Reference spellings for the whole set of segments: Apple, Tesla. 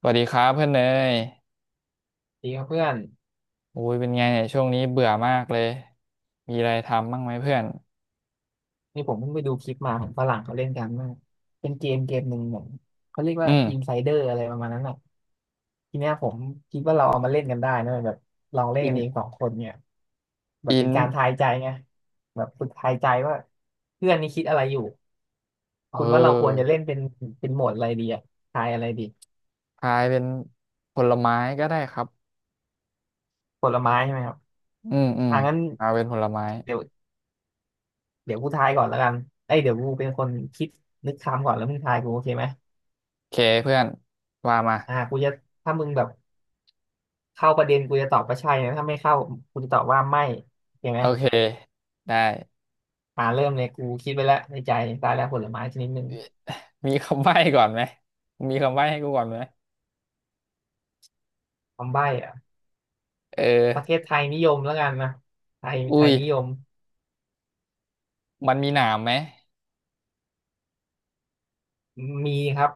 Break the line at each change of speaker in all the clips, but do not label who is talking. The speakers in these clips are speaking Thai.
สวัสดีครับเพื่อนเนย
ดีครับเพื่อน
โอ้ยเป็นไงเนี่ยช่วงนี้เบื่อมากเลย มีอะไรทำบ้างไหมเพื่อน
นี่ผมเพิ่งไปดูคลิปมาของฝรั่งเขาเล่นกันมากเป็นเกมหนึ่งเหมือนเขาเรียกว่า
อืม
อินไซเดอร์อะไรประมาณนั้นอ่ะทีเนี้ยผมคิดว่าเราเอามาเล่นกันได้นะแบบลองเล่น
อิ
กั
น
นเองสองคนเนี่ยแบบ
อิ
เป็
น
นการทายใจไงแบบฝึกทายใจว่าเพื่อนนี่คิดอะไรอยู่
เ
คุณว่าเราควรจะ
ออ
เล่นเป็นโหมดอะไรดีอ่ะทายอะไรดี
ทายเป็นผลไม้ก็ได้ครับ
ผลไม้ใช่ไหมครับ
อืมอืม
อ่ะงั้น
เอาเป็นผลไม้
เดี๋ยวเดี๋ยวกูทายก่อนแล้วกันเอ้ยเดี๋ยวกูเป็นคนคิดนึกคำก่อนแล้วมึงทายกูโอเคไหม
โอเคเพื่อนว่ามา
อ่ะกูจะถ้ามึงแบบ เข้าประเด็นกูจะตอบว่าใช่นะถ้าไม่เข้ากูจะตอบว่าไม่เห็นไหม
โอเคได้
อ่าเริ่มเลยกูคิดไปแล้วในใจตายแล้วผลไม้ชนิดหนึ่ง
มีคำใบ้ก่อนไหมมีคำใบ้ให้กูก่อนไหม
คำใบ้อะ
เออ
ประเทศไทยนิยมแล้วกันนะไทย
อุ้
ไทย
ย
นิยม
มันมีหนามไหม
มีครับ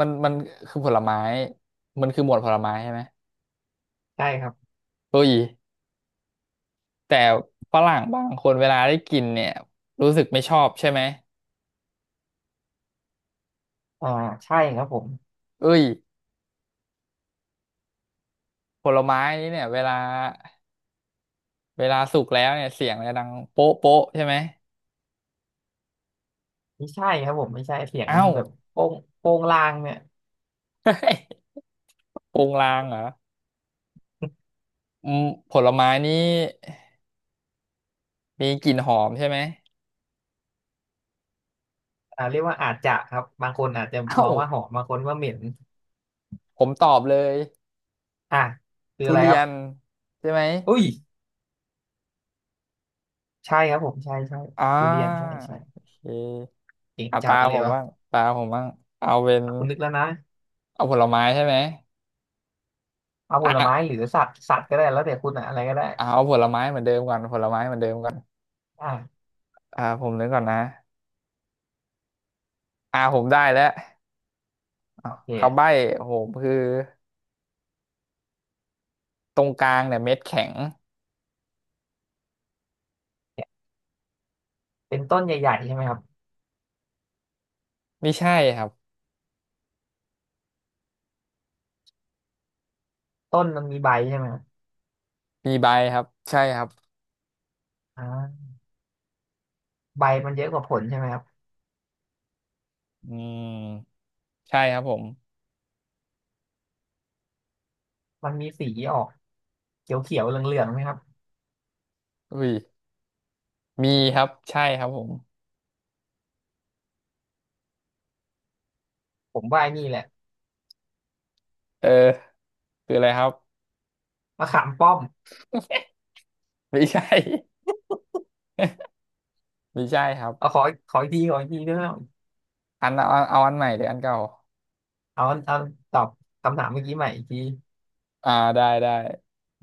มันคือผลไม้มันคือหมวดผลไม้ใช่ไหม
ใช่ครับ
เฮ้ย แต่ฝรั่งบางคนเวลาได้กินเนี่ยรู้สึกไม่ชอบใช่ไหม
อ่าใช่ครับผม
เอ้ยผลไม้นี้เนี่ยเวลาสุกแล้วเนี่ยเสียงมันจะดังโป๊ะโป๊ะใช่ไหม
ไม่ใช่ครับผมไม่ใช่เสียงมัน
เอ้า
แบบโป้งโป้งลางเนี่ย
โปงลางเหรออืมผลไม้นี้มีกลิ่นหอมใช่ไหม
อ่าเรียกว่าอาจจะครับบางคนอาจจะม
เอ้า
องว่าหอมบางคนว่าเหม็น
ผมตอบเลย
อ่ะคือ
ทุ
อะไร
เรี
ครั
ย
บ
นใช่ไหม
อุ้ยใช่ครับผมใช่ใช่
อ่
ทุเรียนใช่
าโอ
ใช่
เค
เก่ง
อ่ะ
จั
ตา
ดเล
ผ
ย
มบ้าง
วะ
ตาผมบ้างเอาเป็น
คุณนึกแล้วนะ
เอาผลไม้ใช่ไหม
เอาผลไม้ห
อ่ะ
รือสัตว์สัตว์ก็ได้แล้วแต่คุณอะอะไรก็ได้
เอาผลไม้เหมือนเดิมก่อนผลไม้เหมือนเดิมก่อน
อ่า
อ่าผมนึกก่อนนะอ่าผมได้แล้วอ่ะ
โอ
คำใบ้
เค
ผมคือตรงกลางเนี่ยเม็ดแข็ง
เป็นต้นใหญ่ๆใช่ไหมครับ
ไม่ใช่ครับ
ต้นมันมีใบใช่ไหมครับ
มีใบครับใช่ครับ
อ่าใบมันเยอะกว่าผลใช่ไหมครับ
อืมใช่ครับผม
มันมีสีออกเขียวๆเหลืองๆไหมครับ
อุ้ยมีครับใช่ครับผม
ผมว่าไอ้นี่แหละ
เออคืออะไรครับ
มะขามป้อม
ไม่ใช่ ไม่ใช่ครับ
เอาขอขออีกทีด้วยนะครับ
อันเอาอันใหม่หรืออันเก่า
เอาตอบคำถามเมื่อกี้ใหม่อีกที
อ่าได้ได้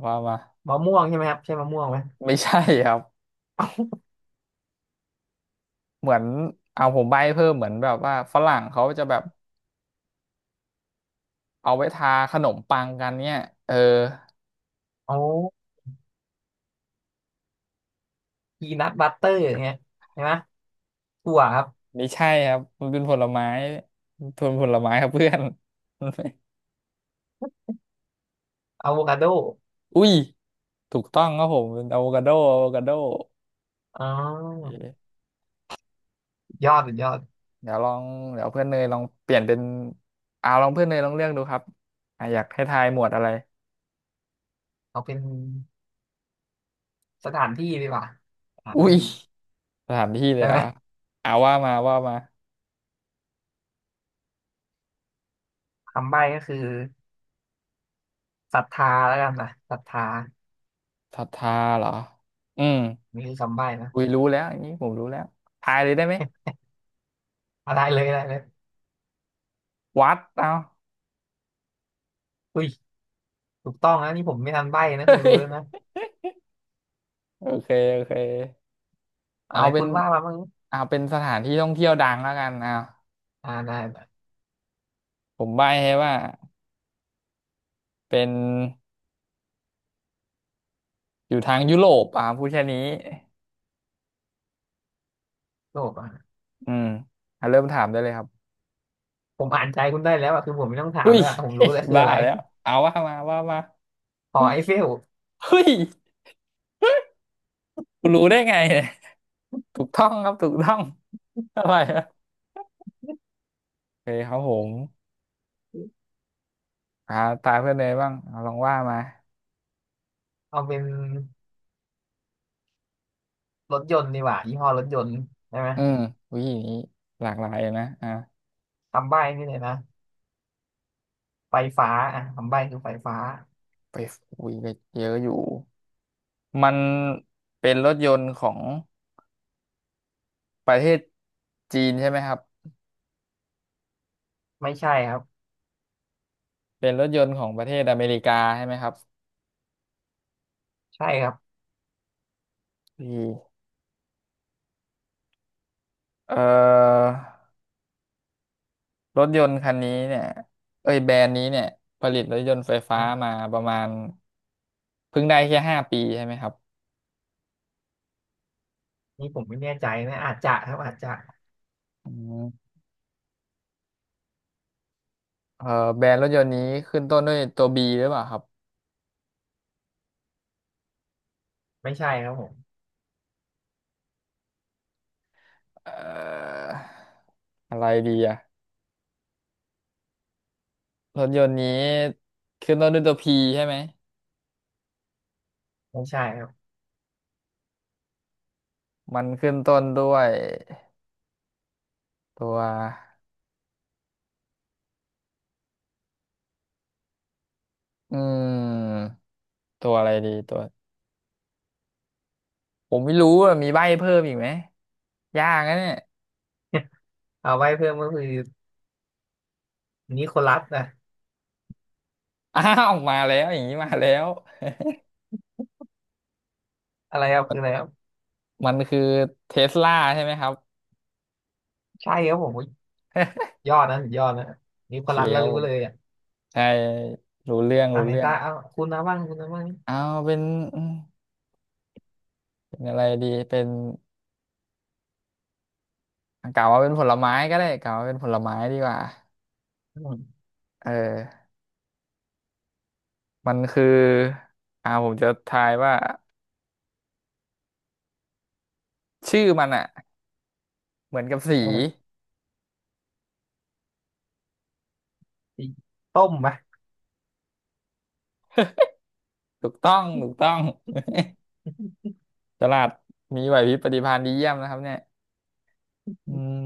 ว่ามา
มะม่วงใช่ไหมครับใช่มะม่วงไหม
ไม่ใช่ครับเหมือนเอาผมใบ้เพิ่มเหมือนแบบว่าฝรั่งเขาจะแบบเอาไว้ทาขนมปังกันเนี่ยเออ
โอ้พีนัทบัตเตอร์อย่างเงี้ยใช่ไหมถั่วครับ
ไม่ใช่ครับมันเป็นผลไม้ทนผลไม้ครับเพื่อน
อะโวคาโด
อุ้ยถูกต้องครับผมเป็นอะโวคาโดอะโวคาโด
อ๋
เอ๊
อ
ะ
ยอดสุดยอด
เดี๋ยวลองเดี๋ยวเพื่อนเนยลองเปลี่ยนเป็นอ่าลองเพื่อนเนยลองเลือกดูครับอ่ะอยากให้ทายหมวดอะไร
เอาเป็นสถานที่ดีกว่าสถาน
อุ้ย
ที่
สถานที่เล
ใช่
ยเห
ไห
ร
ม
อ่ะอ่าว่ามาว่ามา
คำใบ้ก็คือศรัทธาแล้วกันนะศรัทธา
ศรัทธาเหรออืม
นี่คือคำใบ้นะ
อุ้ยรู้แล้วอันนี้ผมรู้แล้วทายเลยได้ไหม
อะไรเลยอะไรเลย
วัดเอา
อุ้ยถูกต้องนะนี่ผมไม่ทันใบ้นะ
เฮ้
คุณรู้
ย
แล้วนะ
โอเคโอเค
อะ
เอา
ไร
เป็
คุ
น
ณว่ามาบ้าง
เอาเป็นสถานที่ท่องเที่ยวดังแล้วกันเอา
อ่าได้ได้
ผมใบ้ให้ว่าเป็นอยู่ทางยุโรปอ่ะพูดแค่นี้
โลภอ่ะ
อืมอ่ะเริ่มถามได้เลยครับ
ผมอ่านใจคุณได้แล้วอ่ะคือผมไม่ต้องถาม
อุ้ย
แล้วอะผมรู้แล้ว คือ
บ้า
อะไร
แล้วเอาว่ามาว่ามา
หอไอเฟล
เฮ้ยคุณรู้ได้ไงเนี่ยถูกต้องครับถูกต้องอะไรอะโอเคครับผมอ่าตาเพื่อนเลยบ้างเอาลองว่ามา
เอาเป็นรถยนต์ดีกว่ายี่ห้อรถยนต์ใช่ไหม
อืมวิธีนี้หลากหลายนะอ่า
คำใบ้นี่เลยนะไฟฟ้าอ่ะคำใบ้คือไฟฟ้า
ไปอุ้ยไปเยอะอยู่มันเป็นรถยนต์ของประเทศจีนใช่ไหมครับ
ไม่ใช่ครับ
เป็นรถยนต์ของประเทศอเมริกาใช่ไหมครับ
ใช่ครับ
พี่เอ่อรถยนต์คันนี้เนี่ยเอ้ยแบรนด์นี้เนี่ยผลิตรถยนต์ไฟฟ้า
อ่ะ
มาประมาณเพิ่งได้แค่5 ปีใช่ไหมครับ
นี่ผมไม่แน่ใจนะอาจจะครับอาจจะ
อืมเอ่อแบรนด์รถยนต์นี้ขึ้นต้นด้วยตัวบีหรือเปล่าครับ
ไม่ใช่ครับผม
เอ่ออะไรดีอะรถยนต์นี้ขึ้นต้นด้วยตัวพีใช่ไหม
ไม่ใช่ครับ
มันขึ้นต้นด้วยตัวอืมตัวอะไรดีตัวผมไม่รู้อะมีใบ้เพิ่มอีกไหมยากนะเนี่ย
เอาไว้เพิ่มก็คือนิโคลัสนะ
อ้าวมาแล้วอย่างนี้มาแล้ว
อะไรครับคืออะไรครับ
มันคือเทสลาใช่ไหมครับ
ใช่ครับผมยอดนะสุดยอดนะนิ
โอ
โค
เค
ลัสแล้
ค
ว
รับ
รู้
ผม
เลยอ่ะ
ใช่รู้เรื่อง
อัน
รู้
ไหน
เรื่อง
ตาเอาคุณนะบ้าง
เอาเป็นอืมเป็นอะไรดีเป็นกล่าวว่าเป็นผลไม้ก็ได้กล่าวว่าเป็นผลไม้ดีกว่า
อืม
เออมันคืออ่าผมจะทายว่าชื่อมันอ่ะเหมือนกับสี
เออต้มไหม
ถูกต้องถูกต้องตลาดมีไหวพริบปฏิภาณดีเยี่ยมนะครับเนี่ยอืม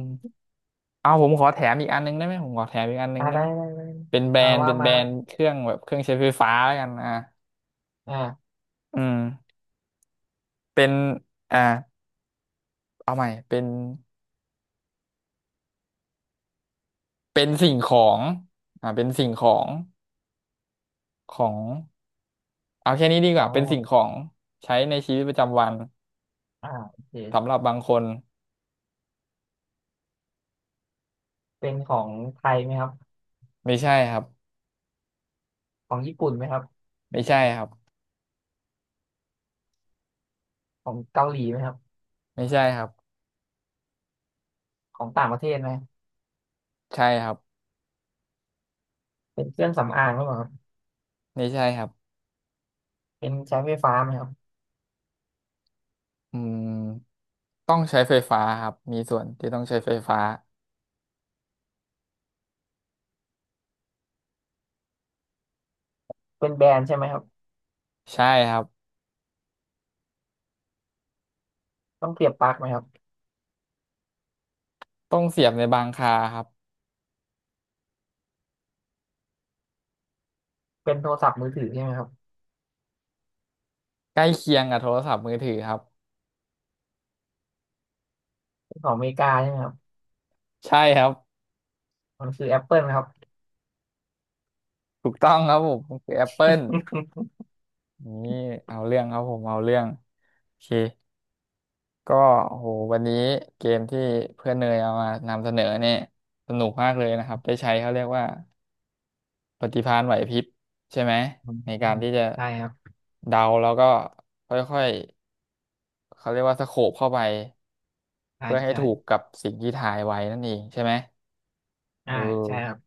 เอาผมขอแถมอีกอันนึงได้ไหมผมขอแถมอีกอันนึ
อ่า
งได้
ได้
ไหม
ได้ได้
เป็นแบร
เอา
นด์
ว่า
เป็นแบ
มา
รนด์เครื่องแบบเครื่องใช้ไฟฟ้าแล้วกันอ่ะ
อ่า
อืมเป็นอ่าเอาใหม่เป็นเป็นสิ่งของอ่าเป็นสิ่งของของเอาแค่นี้ดีก
ขอ
ว่า
งอะ
เป็
ไร
น
ครั
สิ่
บ
งของใช้ในชีวิตประจำวัน
อ่าโอเค
สำหรับบางคน
เป็นของไทยไหมครับ
ไม่ใช่ครับ
ของญี่ปุ่นไหมครับ
ไม่ใช่ครับ
ของเกาหลีไหมครับ
ไม่ใช่ครับ
ของต่างประเทศไหม
ใช่ครับ
เป็นเครื่องสำอางหรือเปล่าครับ
ไม่ใช่ครับ
เป็นใช้ไฟฟ้าไหมครับ
อืมต้องใช้ไฟฟ้าครับมีส่วนที่ต้องใช้ไฟฟ้า
เป็นแบรนด์ใช่ไหมครับ
ใช่ครับ
ต้องเสียบปลั๊กไหมครับ
ต้องเสียบในบางคาครับ
เป็นโทรศัพท์มือถือใช่ไหมครับ
ใกล้เคียงกับโทรศัพท์มือถือครับ
เป็นของอเมริกาใช่ไหมครับ
ใช่ครับ
มันคือแอปเปิลครับ
ถูกต้องครับผมมันคือแอปเปิลนี่เอาเรื่องครับผมเอาเรื่องโอเคก็โหวันนี้เกมที่เพื่อนเนยเอามานำเสนอเนี่ยสนุกมากเลยนะครับได้ใช้เขาเรียกว่าปฏิภาณไหวพริบใช่ไหม
อืม
ในการที่จะ
ใช่ครับ
เดาแล้วก็ค่อยๆเขาเรียกว่าสโคปเข้าไป
ใช่
เพื่อให้
ใช่
ถูกกับสิ่งที่ทายไว้นั่นเองใช่ไหมเอ
อ่าใช่ครับ
อ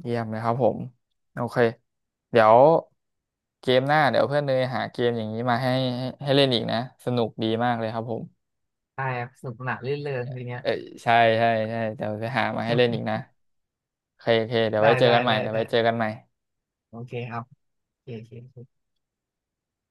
เยี่ยมเลยครับผม โอเคเดี๋ยวเกมหน้าเดี๋ยวเพื่อนเนยหาเกมอย่างนี้มาให้เล่นอีกนะสนุกดีมากเลยครับผม
ได้ครับสนุกสนานรื่นเริงทีเนี้ย
เอ้ยใช่เดี๋ยวจะหามาให้เล่นอีกนะโอเคโอเคเดี๋ย ว
ได้
ไว้เจอ
ได้
กันใหม่
ได้
เดี๋ยว
ได้
ไว้เจอกันใหม่
โอเคครับโอเคโอเค